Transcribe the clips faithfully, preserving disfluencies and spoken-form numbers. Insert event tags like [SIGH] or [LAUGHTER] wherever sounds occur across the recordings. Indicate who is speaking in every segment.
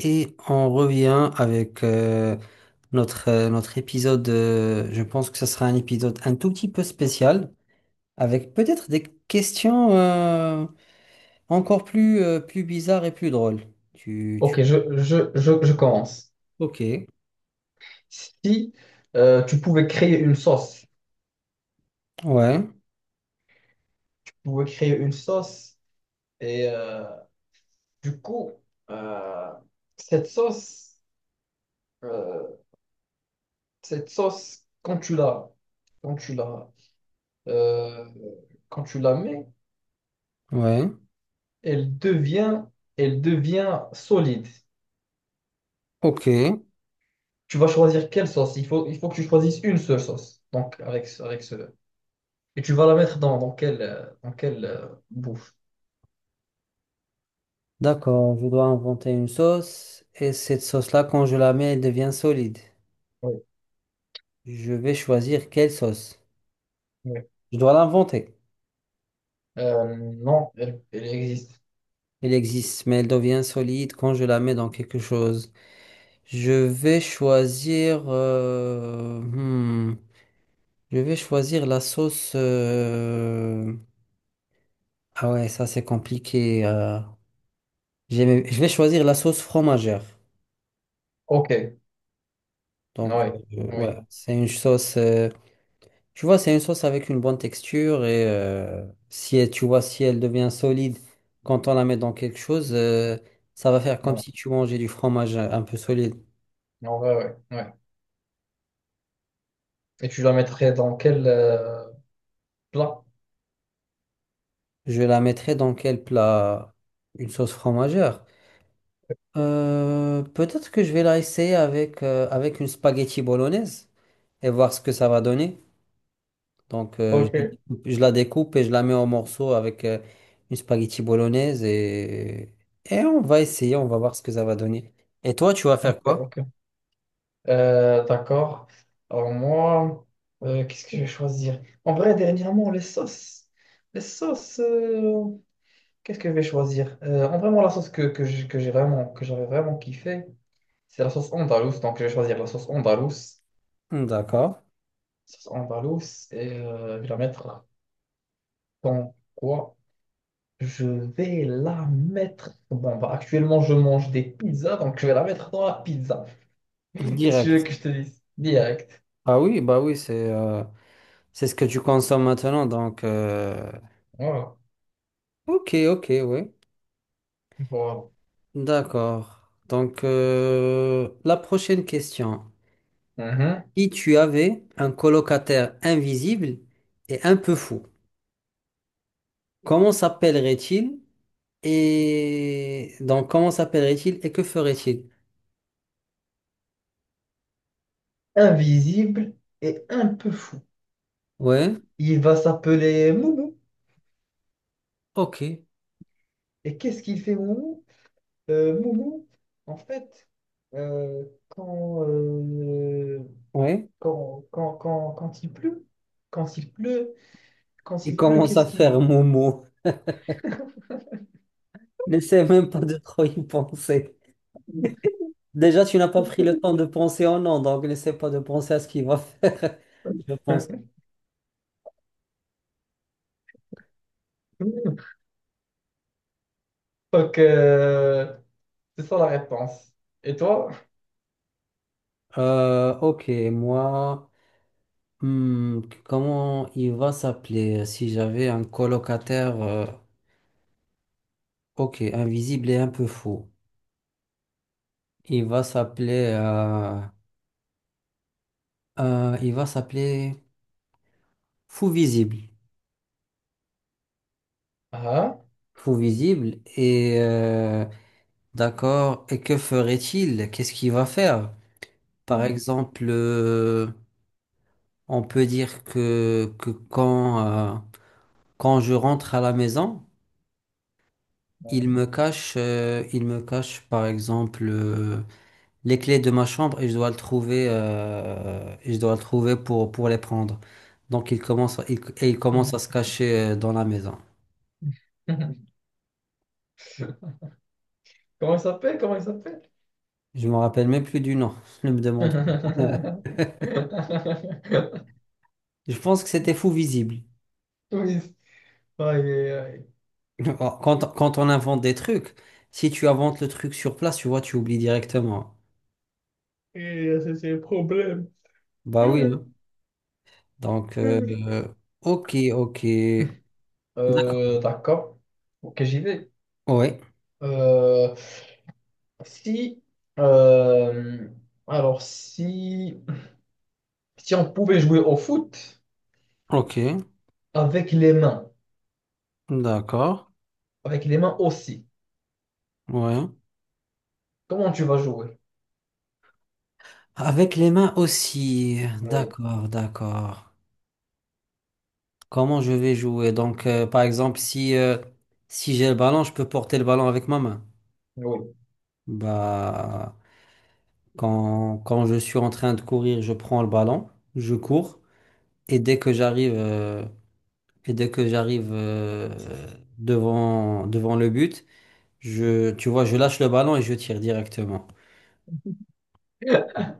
Speaker 1: Et on revient avec euh, notre, euh, notre épisode. Euh, je pense que ce sera un épisode un tout petit peu spécial, avec peut-être des questions euh, encore plus, euh, plus bizarres et plus drôles. Tu, tu-
Speaker 2: Ok, je, je, je, je commence.
Speaker 1: Ok,
Speaker 2: Si euh, tu pouvais créer une sauce,
Speaker 1: ouais,
Speaker 2: tu pouvais créer une sauce et euh, du coup, euh, cette sauce, euh, cette sauce, quand tu la, quand tu la, euh, quand tu la mets,
Speaker 1: ouais,
Speaker 2: elle devient, elle devient solide.
Speaker 1: ok.
Speaker 2: Tu vas choisir quelle sauce. Il faut, il faut que tu choisisses une seule sauce. Donc avec, ce- avec ce, et tu vas la mettre dans, dans quelle, euh, dans quelle euh, bouffe.
Speaker 1: D'accord, je dois inventer une sauce. Et cette sauce-là, quand je la mets, elle devient solide.
Speaker 2: Oui.
Speaker 1: Je vais choisir quelle sauce. Je dois l'inventer.
Speaker 2: Euh, non, elle, elle existe.
Speaker 1: Elle existe, mais elle devient solide quand je la mets dans quelque chose. Je vais choisir. Euh, hmm, je vais choisir la sauce. euh, Ah ouais, ça c'est compliqué. euh. J'aime- Je vais choisir la sauce fromagère.
Speaker 2: Ok, ouais,
Speaker 1: Donc euh, ouais,
Speaker 2: oui,
Speaker 1: c'est une sauce. euh, Tu vois, c'est une sauce avec une bonne texture et euh, si elle- tu vois si elle devient solide quand on la met dans quelque chose, euh, ça va faire comme
Speaker 2: ouais.
Speaker 1: si tu mangeais du fromage un peu solide.
Speaker 2: En vrai, ouais, ouais. Et tu la mettrais dans quel euh, plat?
Speaker 1: Je la mettrai dans quel plat? Une sauce fromagère. Euh, peut-être que je vais la essayer avec, euh, avec une spaghetti bolognaise et voir ce que ça va donner. Donc, euh,
Speaker 2: Ok,
Speaker 1: je, la découpe je la découpe et je la mets en morceaux avec euh, une spaghetti bolognaise et, et on va essayer, on va voir ce que ça va donner. Et toi, tu vas
Speaker 2: ok,
Speaker 1: faire quoi?
Speaker 2: ok. Euh, d'accord. Alors moi, euh, qu'est-ce que je vais choisir? En vrai, dernièrement, les sauces. Les sauces, euh, qu'est-ce que je vais choisir? Euh, en vraiment, la sauce que, que j'ai que j'ai vraiment, que j'avais vraiment kiffé, c'est la sauce andalouse. Donc, je vais choisir la sauce andalouse.
Speaker 1: Hmm, d'accord.
Speaker 2: Sauce andalouse et euh, je vais la mettre dans quoi? Je vais la mettre. Bon, bah, actuellement, je mange des pizzas, donc je vais la mettre dans la pizza. [LAUGHS] Qu'est-ce que tu veux
Speaker 1: Direct.
Speaker 2: que je te dise? Direct.
Speaker 1: Ah oui, bah oui, c'est euh, c'est ce que tu consommes maintenant. Donc, euh,
Speaker 2: Voilà.
Speaker 1: ok, ok, oui.
Speaker 2: Voilà.
Speaker 1: D'accord. Donc, euh, la prochaine question.
Speaker 2: Mhm.
Speaker 1: Si tu avais un colocataire invisible et un peu fou, comment s'appellerait-il et donc comment s'appellerait-il et que ferait-il?
Speaker 2: Invisible et un peu fou.
Speaker 1: Ouais,
Speaker 2: Il va s'appeler Moumou.
Speaker 1: ok,
Speaker 2: Et qu'est-ce qu'il fait, Moumou? Euh, Moumou, en fait, euh, quand, euh,
Speaker 1: ouais.
Speaker 2: quand, quand, quand, quand il pleut, quand il pleut, quand
Speaker 1: Il
Speaker 2: il pleut,
Speaker 1: commence à
Speaker 2: qu'est-ce
Speaker 1: faire
Speaker 2: qu'il...
Speaker 1: Momo. [LAUGHS] N'essaie même pas de trop y penser. Déjà, tu n'as pas pris le temps de penser au nom, donc n'essaie pas de penser à ce qu'il va faire, [LAUGHS] je pense.
Speaker 2: [LAUGHS] Donc, euh, C'est ça la réponse. Et toi?
Speaker 1: Euh, ok, moi, hmm, comment il va s'appeler si j'avais un colocataire euh, ok, invisible et un peu fou. Il va s'appeler euh, euh, il va s'appeler Fou Visible.
Speaker 2: Ah?
Speaker 1: Fou Visible et euh, d'accord, et que ferait-il? Qu'est-ce qu'il va faire? Par
Speaker 2: Mhm.
Speaker 1: exemple, euh, on peut dire que, que quand, euh, quand je rentre à la maison, il me cache euh, il me cache par exemple euh, les clés de ma chambre et je dois le trouver, euh, et je dois le trouver pour, pour les prendre. Donc il commence, il- et il commence à se
Speaker 2: Mhm.
Speaker 1: cacher euh, dans la maison.
Speaker 2: [LAUGHS] Comment il s'appelle? Comment il s'appelle?
Speaker 1: Je me rappelle même plus du nom, [LAUGHS] ne me demande pas.
Speaker 2: [LAUGHS]
Speaker 1: [LAUGHS] Je pense que c'était fou visible.
Speaker 2: Oui. Aïe, aïe, aïe.
Speaker 1: [LAUGHS] Quand, quand on invente des trucs, si tu inventes le truc sur place, tu vois, tu oublies directement.
Speaker 2: Et ça, c'est le problème.
Speaker 1: Bah oui, hein. Donc, euh,
Speaker 2: [LAUGHS]
Speaker 1: ok, ok. D'accord.
Speaker 2: Euh, d'accord. Ok, j'y vais.
Speaker 1: Oui,
Speaker 2: Euh, si, euh, alors si, si on pouvait jouer au foot
Speaker 1: ok.
Speaker 2: avec les mains,
Speaker 1: D'accord.
Speaker 2: avec les mains aussi,
Speaker 1: Ouais.
Speaker 2: comment tu vas jouer?
Speaker 1: Avec les mains aussi.
Speaker 2: Oui,
Speaker 1: D'accord, d'accord. Comment je vais jouer? Donc, euh, par exemple, si, euh, si j'ai le ballon, je peux porter le ballon avec ma main.
Speaker 2: oui.
Speaker 1: Bah, quand, quand je suis en train de courir, je prends le ballon, je cours, et dès que j'arrive euh, et dès que j'arrive euh, devant, devant le but, je, tu vois, je lâche le ballon et je tire directement.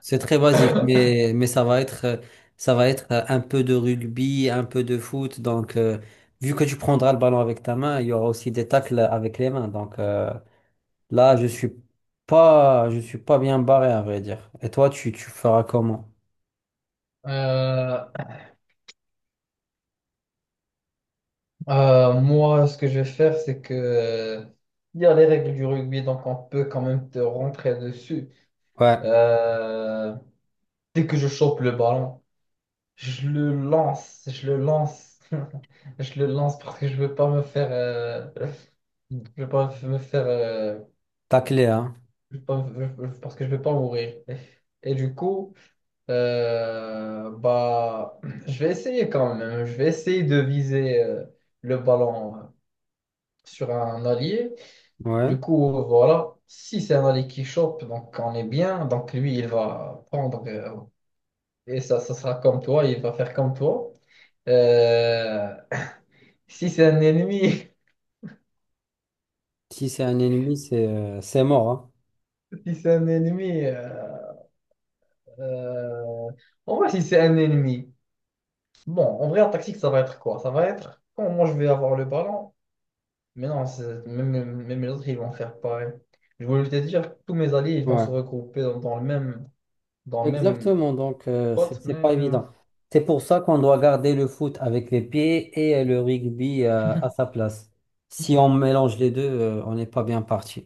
Speaker 1: C'est très basique,
Speaker 2: [LAUGHS]
Speaker 1: mais, mais ça va être, euh, ça va être euh, un peu de rugby, un peu de foot. Donc, euh, vu que tu prendras le ballon avec ta main, il y aura aussi des tacles avec les mains. Donc, euh, là, je suis pas, je suis pas bien barré, à vrai dire. Et toi, tu, tu feras comment?
Speaker 2: Euh, euh, moi, ce que je vais faire, c'est que euh, il y a les règles du rugby, donc on peut quand même te rentrer dessus.
Speaker 1: Ouais,
Speaker 2: Euh, dès que je chope le ballon, je le lance, je le lance, [LAUGHS] je le lance parce que je veux pas me faire, euh, je veux pas me faire, euh,
Speaker 1: tacler, hein.
Speaker 2: je veux pas me- parce que je veux pas mourir. Et du coup, euh, bah, je vais essayer quand même. Je vais essayer de viser euh, le ballon sur un allié.
Speaker 1: Ouais.
Speaker 2: Du coup, voilà, si c'est un aller qui Shop, donc on est bien. Donc lui, il va prendre, euh, et ça, ça sera comme toi, il va faire comme toi. Euh, si c'est un ennemi,
Speaker 1: Si c'est un ennemi, c'est, euh, c'est mort, hein.
Speaker 2: [LAUGHS] si c'est un ennemi, euh, euh, en vrai, si c'est un ennemi, bon, en vrai, en tactique, ça va être quoi? Ça va être quand moi je vais avoir le ballon, mais non, c'est- même, même- même les autres, ils vont faire pareil. Je voulais te dire, tous mes alliés, ils vont
Speaker 1: Ouais.
Speaker 2: se regrouper dans, dans le même, dans le même
Speaker 1: Exactement, donc euh, c'est
Speaker 2: spot,
Speaker 1: c'est
Speaker 2: mais.
Speaker 1: pas
Speaker 2: euh,
Speaker 1: évident. C'est pour ça qu'on doit garder le foot avec les pieds et euh, le rugby euh, à sa place. Si on mélange les deux, euh, on n'est pas bien parti.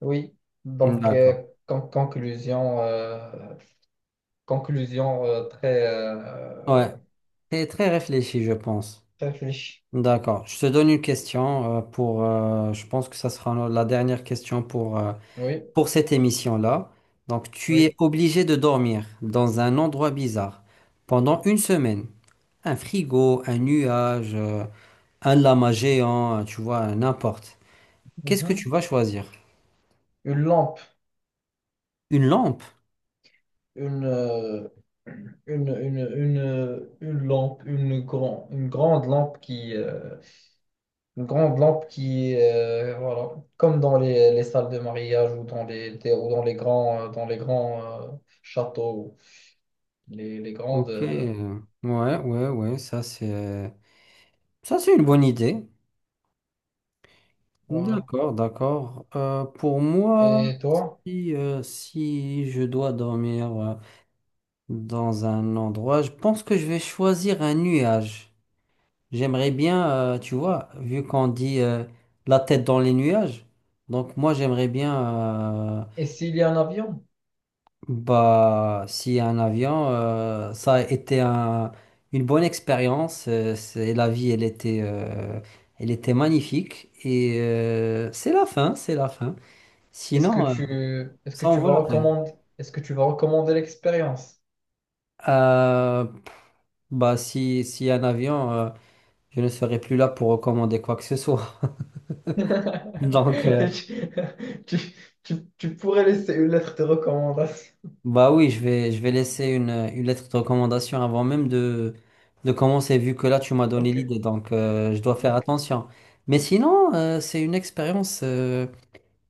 Speaker 2: Oui, donc euh,
Speaker 1: D'accord.
Speaker 2: con- conclusion, euh, conclusion euh, très,
Speaker 1: Ouais,
Speaker 2: euh,
Speaker 1: c'est très réfléchi, je pense.
Speaker 2: très riche.
Speaker 1: D'accord. Je te donne une question euh, pour. Euh, je pense que ça sera no- la dernière question pour euh,
Speaker 2: Oui,
Speaker 1: pour cette émission-là. Donc, tu es
Speaker 2: oui.
Speaker 1: obligé de dormir dans un endroit bizarre pendant une semaine. Un frigo, un nuage. euh, un lama géant, tu vois, n'importe. Qu'est-ce que
Speaker 2: Mhm.
Speaker 1: tu vas choisir?
Speaker 2: Une lampe,
Speaker 1: Une lampe?
Speaker 2: une, euh, une, une, une, une lampe, une, grand, une grande lampe qui, euh, une grande lampe qui, euh, voilà, comme dans les, les salles de mariage ou dans les, des- ou dans les grands, euh, dans les grands euh, châteaux, les, les grandes,
Speaker 1: Ok.
Speaker 2: euh,
Speaker 1: euh, Ouais, ouais, ouais, ça c'est ça c'est une bonne idée.
Speaker 2: voilà.
Speaker 1: D'accord, d'accord. Euh, pour moi,
Speaker 2: Et toi?
Speaker 1: si, euh, si je dois dormir euh, dans un endroit, je pense que je vais choisir un nuage. J'aimerais bien, euh, tu vois, vu qu'on dit euh, la tête dans les nuages, donc moi j'aimerais bien euh,
Speaker 2: Et s'il y a un avion?
Speaker 1: bah, si un avion, euh, ça a été un- une bonne expérience. Euh, c'est la vie, elle était, euh, elle était magnifique. Et euh, c'est la fin, c'est la fin.
Speaker 2: Est-ce que
Speaker 1: Sinon, euh,
Speaker 2: tu, est-ce que
Speaker 1: ça en
Speaker 2: tu
Speaker 1: vaut
Speaker 2: vas
Speaker 1: la peine.
Speaker 2: recommander, est-ce que tu vas recommander l'expérience?
Speaker 1: Euh, bah, si, si un avion, euh, je ne serai plus là pour recommander quoi que ce soit. [LAUGHS]
Speaker 2: [LAUGHS]
Speaker 1: Donc. euh,
Speaker 2: Tu, tu- tu- tu pourrais laisser une lettre de recommandation.
Speaker 1: Bah oui, je vais, je vais laisser une, une lettre de recommandation avant même de, de commencer, vu que là, tu m'as donné
Speaker 2: Ok,
Speaker 1: l'idée, donc euh, je dois faire
Speaker 2: donc,
Speaker 1: attention. Mais sinon, euh, c'est une expérience euh,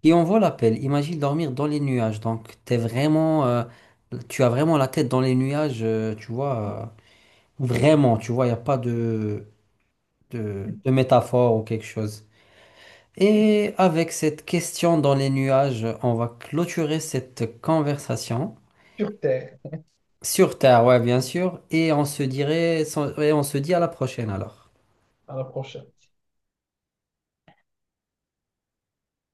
Speaker 1: qui en vaut l'appel. Imagine dormir dans les nuages, donc t'es vraiment, euh, tu as vraiment la tête dans les nuages, euh, tu vois, euh, vraiment, tu vois, il n'y a pas de, de, de métaphore ou quelque chose. Et avec cette question dans les nuages, on va clôturer cette conversation.
Speaker 2: sur Terre,
Speaker 1: Sur Terre, ouais, bien sûr. Et on se dirait, et on se dit à la prochaine alors.
Speaker 2: à la prochaine.